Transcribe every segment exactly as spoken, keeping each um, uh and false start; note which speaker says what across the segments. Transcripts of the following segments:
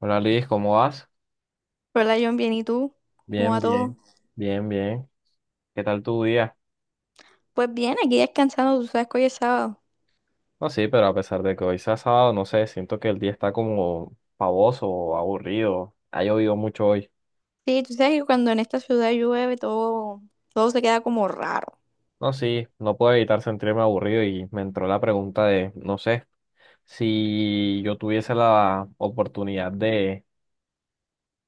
Speaker 1: Hola Liz, ¿cómo vas?
Speaker 2: Hola John, bien, ¿y tú? ¿Cómo
Speaker 1: Bien,
Speaker 2: va todo?
Speaker 1: bien, bien, bien. ¿Qué tal tu día?
Speaker 2: Pues bien, aquí descansando, tú sabes que hoy es sábado.
Speaker 1: No, sí, pero a pesar de que hoy sea sábado, no sé, siento que el día está como pavoso, aburrido. Ha llovido mucho hoy.
Speaker 2: Sí, tú sabes que cuando en esta ciudad llueve todo, todo se queda como raro.
Speaker 1: No, sí, no puedo evitar sentirme aburrido y me entró la pregunta de, no sé, si yo tuviese la oportunidad de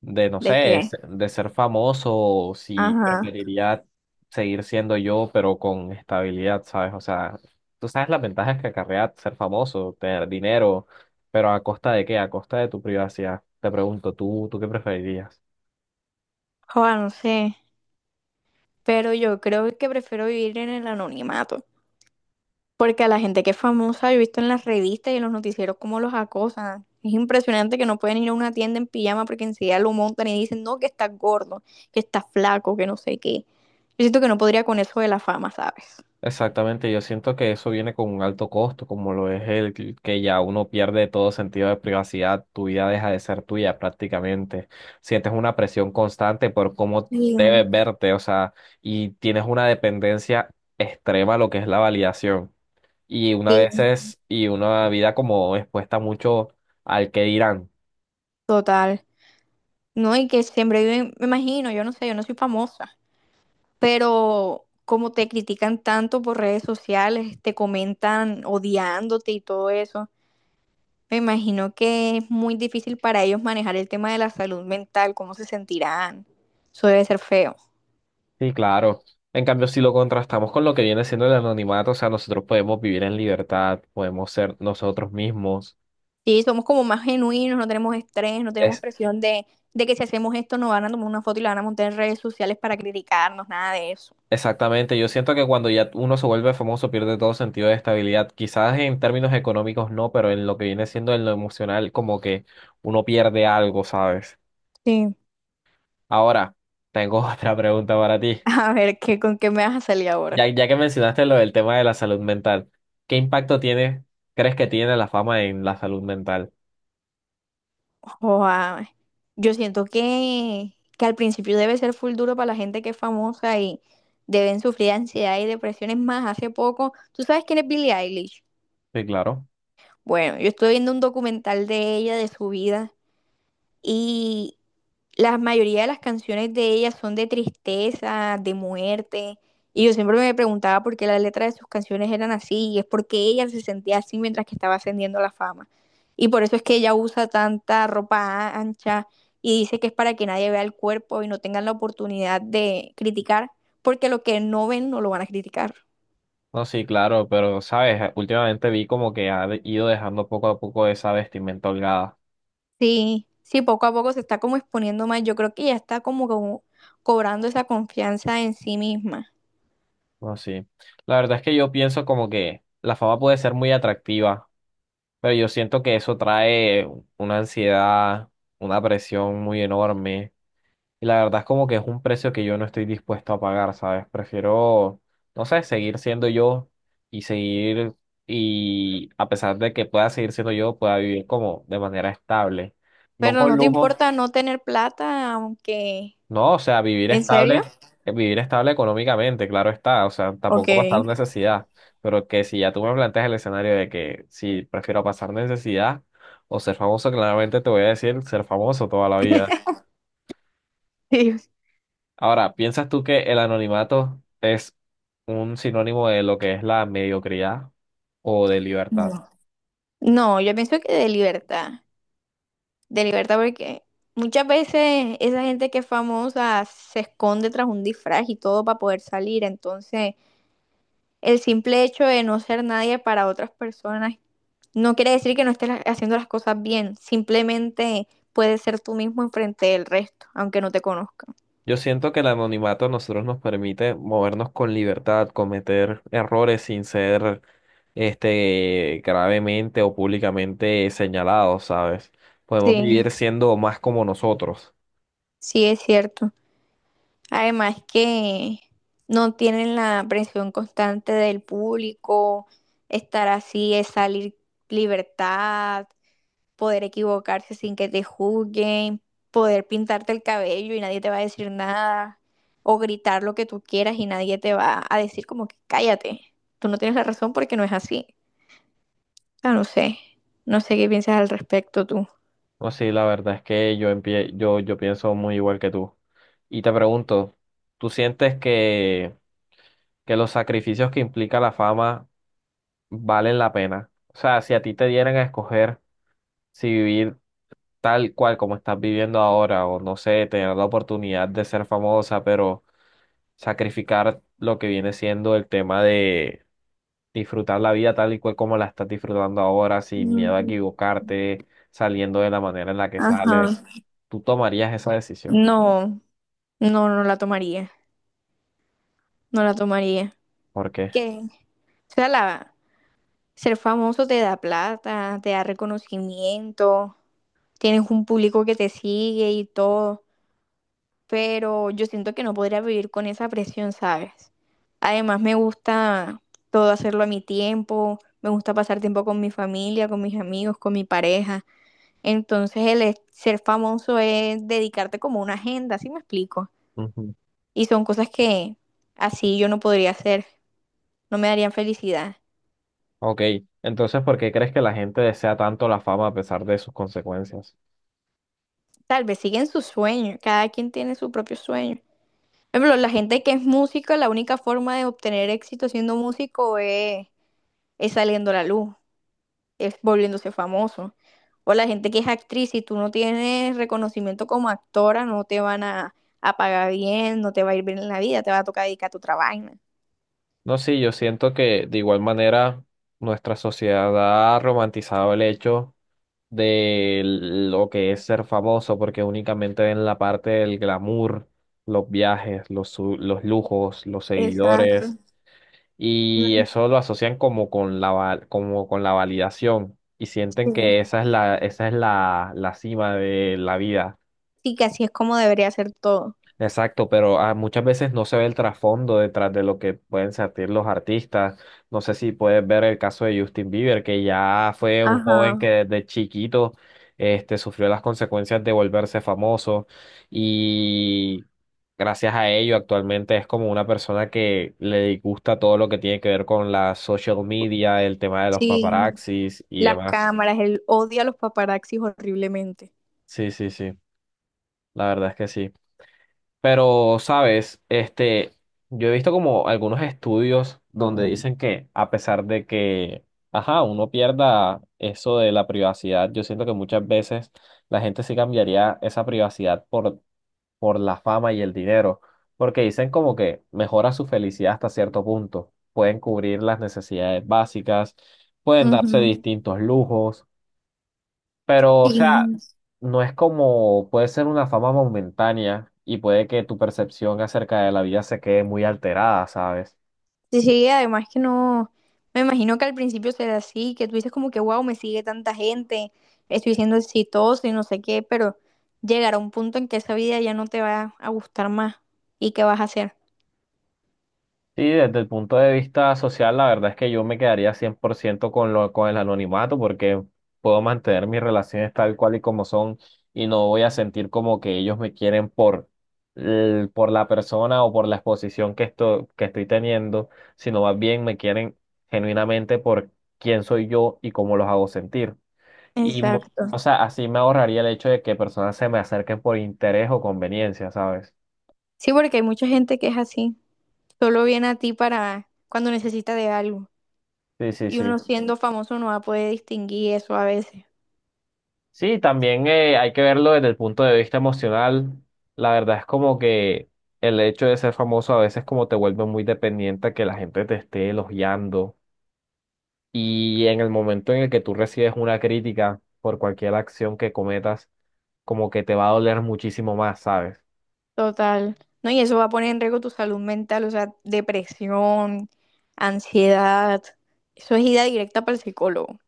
Speaker 1: de, no
Speaker 2: ¿De
Speaker 1: sé, es-
Speaker 2: qué?
Speaker 1: de ser famoso, o si
Speaker 2: Ajá.
Speaker 1: preferiría seguir siendo yo, pero con estabilidad, ¿sabes? O sea, tú sabes las ventajas que acarrea ser famoso, tener dinero, pero ¿a costa de qué? ¿A costa de tu privacidad? Te pregunto, ¿tú, tú qué preferirías?
Speaker 2: Joder, no sé, pero yo creo que prefiero vivir en el anonimato, porque a la gente que es famosa yo he visto en las revistas y en los noticieros cómo los acosan. Es impresionante que no pueden ir a una tienda en pijama porque enseguida lo montan y dicen, no, que estás gordo, que estás flaco, que no sé qué. Yo siento que no podría con eso de la fama, ¿sabes?
Speaker 1: Exactamente, yo siento que eso viene con un alto costo, como lo es el que que ya uno pierde todo sentido de privacidad, tu vida deja de ser tuya prácticamente, sientes una presión constante por cómo
Speaker 2: Sí,
Speaker 1: debes verte, o sea, y tienes una dependencia extrema a lo que es la validación, y una
Speaker 2: sí.
Speaker 1: veces, y una vida como expuesta mucho al que dirán.
Speaker 2: Total. No, y que siempre viven, me imagino, yo no sé, yo no soy famosa, pero como te critican tanto por redes sociales, te comentan odiándote y todo eso, me imagino que es muy difícil para ellos manejar el tema de la salud mental, cómo se sentirán. Eso debe ser feo.
Speaker 1: Sí, claro. En cambio, si lo contrastamos con lo que viene siendo el anonimato, o sea, nosotros podemos vivir en libertad, podemos ser nosotros mismos.
Speaker 2: Sí, somos como más genuinos, no tenemos estrés, no tenemos presión de, de que si hacemos esto nos van a tomar una foto y la van a montar en redes sociales para criticarnos, nada de eso.
Speaker 1: Exactamente, yo siento que cuando ya uno se vuelve famoso pierde todo sentido de estabilidad, quizás en términos económicos no, pero en lo que viene siendo en lo emocional como que uno pierde algo, ¿sabes?
Speaker 2: Sí.
Speaker 1: Ahora, tengo otra pregunta para ti.
Speaker 2: A ver, ¿qué, con qué me vas a salir
Speaker 1: Ya,
Speaker 2: ahora?
Speaker 1: ya que mencionaste lo del tema de la salud mental, ¿qué impacto tiene, crees que tiene la fama en la salud mental?
Speaker 2: Joa, yo siento que, que al principio debe ser full duro para la gente que es famosa y deben sufrir ansiedad y depresiones más. Hace poco, ¿tú sabes quién es Billie Eilish?
Speaker 1: Sí, claro.
Speaker 2: Bueno, yo estuve viendo un documental de ella, de su vida, y la mayoría de las canciones de ella son de tristeza, de muerte. Y yo siempre me preguntaba por qué las letras de sus canciones eran así. Y es porque ella se sentía así mientras que estaba ascendiendo a la fama. Y por eso es que ella usa tanta ropa a- ancha y dice que es para que nadie vea el cuerpo y no tengan la oportunidad de criticar, porque lo que no ven no lo van a criticar.
Speaker 1: No, sí, claro, pero, ¿sabes? Últimamente vi como que ha de- ido dejando poco a poco esa vestimenta holgada.
Speaker 2: Sí, sí, poco a poco se está como exponiendo más. Yo creo que ya está como, como cobrando esa confianza en sí misma.
Speaker 1: No, sí. La verdad es que yo pienso como que la fama puede ser muy atractiva, pero yo siento que eso trae una ansiedad, una presión muy enorme. Y la verdad es como que es un precio que yo no estoy dispuesto a pagar, ¿sabes? Prefiero, no sé, seguir siendo yo y seguir, y a pesar de que pueda seguir siendo yo, pueda vivir como de manera estable. No
Speaker 2: Pero
Speaker 1: con
Speaker 2: no te
Speaker 1: lujos.
Speaker 2: importa no tener plata, aunque...
Speaker 1: No, o sea, vivir
Speaker 2: ¿En serio?
Speaker 1: estable, eh, vivir estable económicamente, claro está, o sea,
Speaker 2: Ok.
Speaker 1: tampoco pasar necesidad, pero que si ya tú me planteas el escenario de que si prefiero pasar necesidad o ser famoso, claramente te voy a decir ser famoso toda la vida.
Speaker 2: Sí.
Speaker 1: Ahora, ¿piensas tú que el anonimato es un sinónimo de lo que es la mediocridad o de libertad?
Speaker 2: No. No, yo pienso que de libertad, de libertad porque muchas veces esa gente que es famosa se esconde tras un disfraz y todo para poder salir, entonces el simple hecho de no ser nadie para otras personas no quiere decir que no estés la- haciendo las cosas bien, simplemente puedes ser tú mismo enfrente del resto, aunque no te conozcan.
Speaker 1: Yo siento que el anonimato a nosotros nos permite movernos con libertad, cometer errores sin ser este gravemente o públicamente señalados, ¿sabes? Podemos
Speaker 2: Sí,
Speaker 1: vivir siendo más como nosotros.
Speaker 2: sí es cierto. Además que no tienen la presión constante del público, estar así es salir libertad, poder equivocarse sin que te juzguen, poder pintarte el cabello y nadie te va a decir nada, o gritar lo que tú quieras y nadie te va a decir como que cállate, tú no tienes la razón porque no es así. Ah, no sé, no sé qué piensas al respecto tú.
Speaker 1: No, sí, la verdad es que yo empie- yo yo pienso muy igual que tú. Y te pregunto, ¿tú sientes que que los sacrificios que implica la fama valen la pena? O sea, si a ti te dieran a escoger si vivir tal cual como estás viviendo ahora, o no sé, tener la oportunidad de ser famosa, pero sacrificar lo que viene siendo el tema de disfrutar la vida tal y cual como la estás disfrutando ahora, sin miedo a
Speaker 2: Mm,
Speaker 1: equivocarte, saliendo de la manera en la que
Speaker 2: ajá.
Speaker 1: sales, tú tomarías esa decisión.
Speaker 2: No, no, no la tomaría, no la tomaría.
Speaker 1: ¿Por qué?
Speaker 2: ¿Qué? O sea, la, ser famoso te da plata, te da reconocimiento, tienes un público que te sigue y todo, pero yo siento que no podría vivir con esa presión, ¿sabes? Además, me gusta todo hacerlo a mi tiempo, me gusta pasar tiempo con mi familia, con mis amigos, con mi pareja. Entonces, el es- ser famoso es dedicarte como una agenda, ¿sí me explico?
Speaker 1: Ujú.
Speaker 2: Y son cosas que así yo no podría hacer, no me darían felicidad.
Speaker 1: Ok, entonces, ¿por qué crees que la gente desea tanto la fama a pesar de sus consecuencias?
Speaker 2: Tal vez siguen su sueño, cada quien tiene su propio sueño. Por ejemplo, la gente que es música, la única forma de obtener éxito siendo músico es, es saliendo a la luz, es volviéndose famoso. O la gente que es actriz, si tú no tienes reconocimiento como actora, no te van a, a pagar bien, no te va a ir bien en la vida, te va a tocar dedicar a tu trabajo.
Speaker 1: No, sí, yo siento que de igual manera nuestra sociedad ha romantizado el hecho de lo que es ser famoso, porque únicamente ven la parte del glamour, los viajes, los, su- los lujos, los seguidores,
Speaker 2: Exacto.
Speaker 1: y
Speaker 2: Mm,
Speaker 1: eso lo asocian como con la, va- como con la validación y sienten
Speaker 2: sí.
Speaker 1: que esa es la, esa es la, la cima de la vida.
Speaker 2: Sí, que así es como debería ser todo.
Speaker 1: Exacto, pero ah, muchas veces no se ve el trasfondo detrás de lo que pueden sentir los artistas. No sé si puedes ver el caso de Justin Bieber, que ya fue un joven que
Speaker 2: Ajá,
Speaker 1: desde chiquito este, sufrió las consecuencias de volverse famoso y gracias a ello actualmente es como una persona que le disgusta todo lo que tiene que ver con la social media, el tema de los
Speaker 2: sí.
Speaker 1: paparazzis y
Speaker 2: Las
Speaker 1: demás.
Speaker 2: cámaras, él odia a los paparazzis horriblemente.
Speaker 1: Sí, sí, sí, la verdad es que sí. Pero, sabes, este, yo he visto como algunos estudios donde dicen que a pesar de que, ajá, uno pierda eso de la privacidad, yo siento que muchas veces la gente sí cambiaría esa privacidad por, por la fama y el dinero, porque dicen como que mejora su felicidad hasta cierto punto, pueden cubrir las necesidades básicas, pueden darse distintos lujos, pero, o sea,
Speaker 2: Sí,
Speaker 1: no es como, puede ser una fama momentánea y puede que tu percepción acerca de la vida se quede muy alterada, ¿sabes?
Speaker 2: sí, sí, además que no, me imagino que al principio será así, que tú dices como que, wow, me sigue tanta gente, estoy siendo exitoso y no sé qué, pero llegará un punto en que esa vida ya no te va a gustar más y qué vas a hacer.
Speaker 1: Sí, desde el punto de vista social, la verdad es que yo me quedaría cien por ciento con lo, con el anonimato porque puedo mantener mis relaciones tal cual y como son y no voy a sentir como que ellos me quieren por, el- por la persona o por la exposición que, esto, que estoy teniendo, sino más bien me quieren genuinamente por quién soy yo y cómo los hago sentir. Y, mu- o
Speaker 2: Exacto.
Speaker 1: sea, así me ahorraría el hecho de que personas se me acerquen por interés o conveniencia, ¿sabes?
Speaker 2: Sí, porque hay mucha gente que es así, solo viene a ti para cuando necesita de algo
Speaker 1: Sí, sí,
Speaker 2: y
Speaker 1: sí.
Speaker 2: uno siendo famoso no va a poder distinguir eso a veces.
Speaker 1: Sí, también eh, hay que verlo desde el punto de vista emocional. La verdad es como que el hecho de ser famoso a veces como te vuelve muy dependiente a que la gente te esté elogiando. Y en el momento en el que tú recibes una crítica por cualquier acción que cometas, como que te va a doler muchísimo más, ¿sabes?
Speaker 2: Total. No, y eso va a poner en riesgo tu salud mental, o sea, depresión, ansiedad. Eso es ida directa para el psicólogo.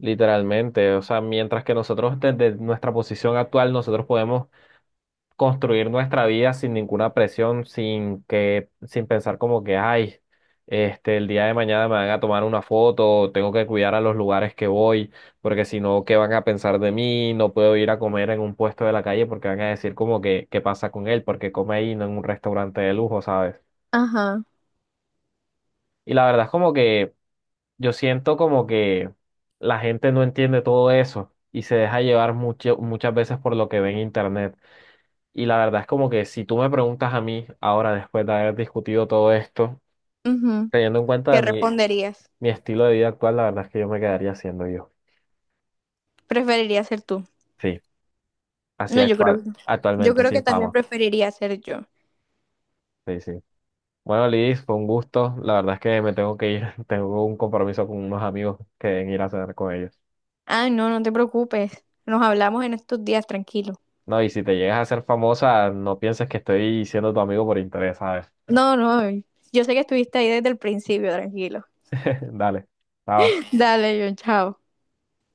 Speaker 1: Literalmente, o sea, mientras que nosotros desde nuestra posición actual, nosotros podemos construir nuestra vida sin ninguna presión, sin que, sin pensar como que, ay, este, el día de mañana me van a tomar una foto, tengo que cuidar a los lugares que voy, porque si no, ¿qué van a pensar de mí? No puedo ir a comer en un puesto de la calle porque van a decir como que, ¿qué pasa con él? Porque come ahí, no en un restaurante de lujo, ¿sabes?
Speaker 2: Ajá.
Speaker 1: Y la verdad es como que yo siento como que la gente no entiende todo eso y se deja llevar mucho- muchas veces por lo que ve en internet. Y la verdad es como que si tú me preguntas a mí ahora, después de haber discutido todo esto,
Speaker 2: Ujú.
Speaker 1: teniendo en cuenta
Speaker 2: ¿Qué
Speaker 1: mi,
Speaker 2: responderías?
Speaker 1: mi estilo de vida actual, la verdad es que yo me quedaría siendo yo.
Speaker 2: ¿Preferiría ser tú?
Speaker 1: Sí, así
Speaker 2: No, yo
Speaker 1: actual,
Speaker 2: creo, yo
Speaker 1: actualmente,
Speaker 2: creo que
Speaker 1: sin
Speaker 2: también
Speaker 1: fama.
Speaker 2: preferiría ser yo.
Speaker 1: Sí, sí. Bueno, Liz, fue un gusto. La verdad es que me tengo que ir. Tengo un compromiso con unos amigos que deben ir a cenar con ellos.
Speaker 2: Ay, no, no te preocupes. Nos hablamos en estos días, tranquilo.
Speaker 1: No, y si te llegas a ser famosa, no pienses que estoy siendo tu amigo por interés, ¿sabes?
Speaker 2: No, no, yo sé que estuviste ahí desde el principio, tranquilo.
Speaker 1: Dale, chao.
Speaker 2: Dale, yo, chao.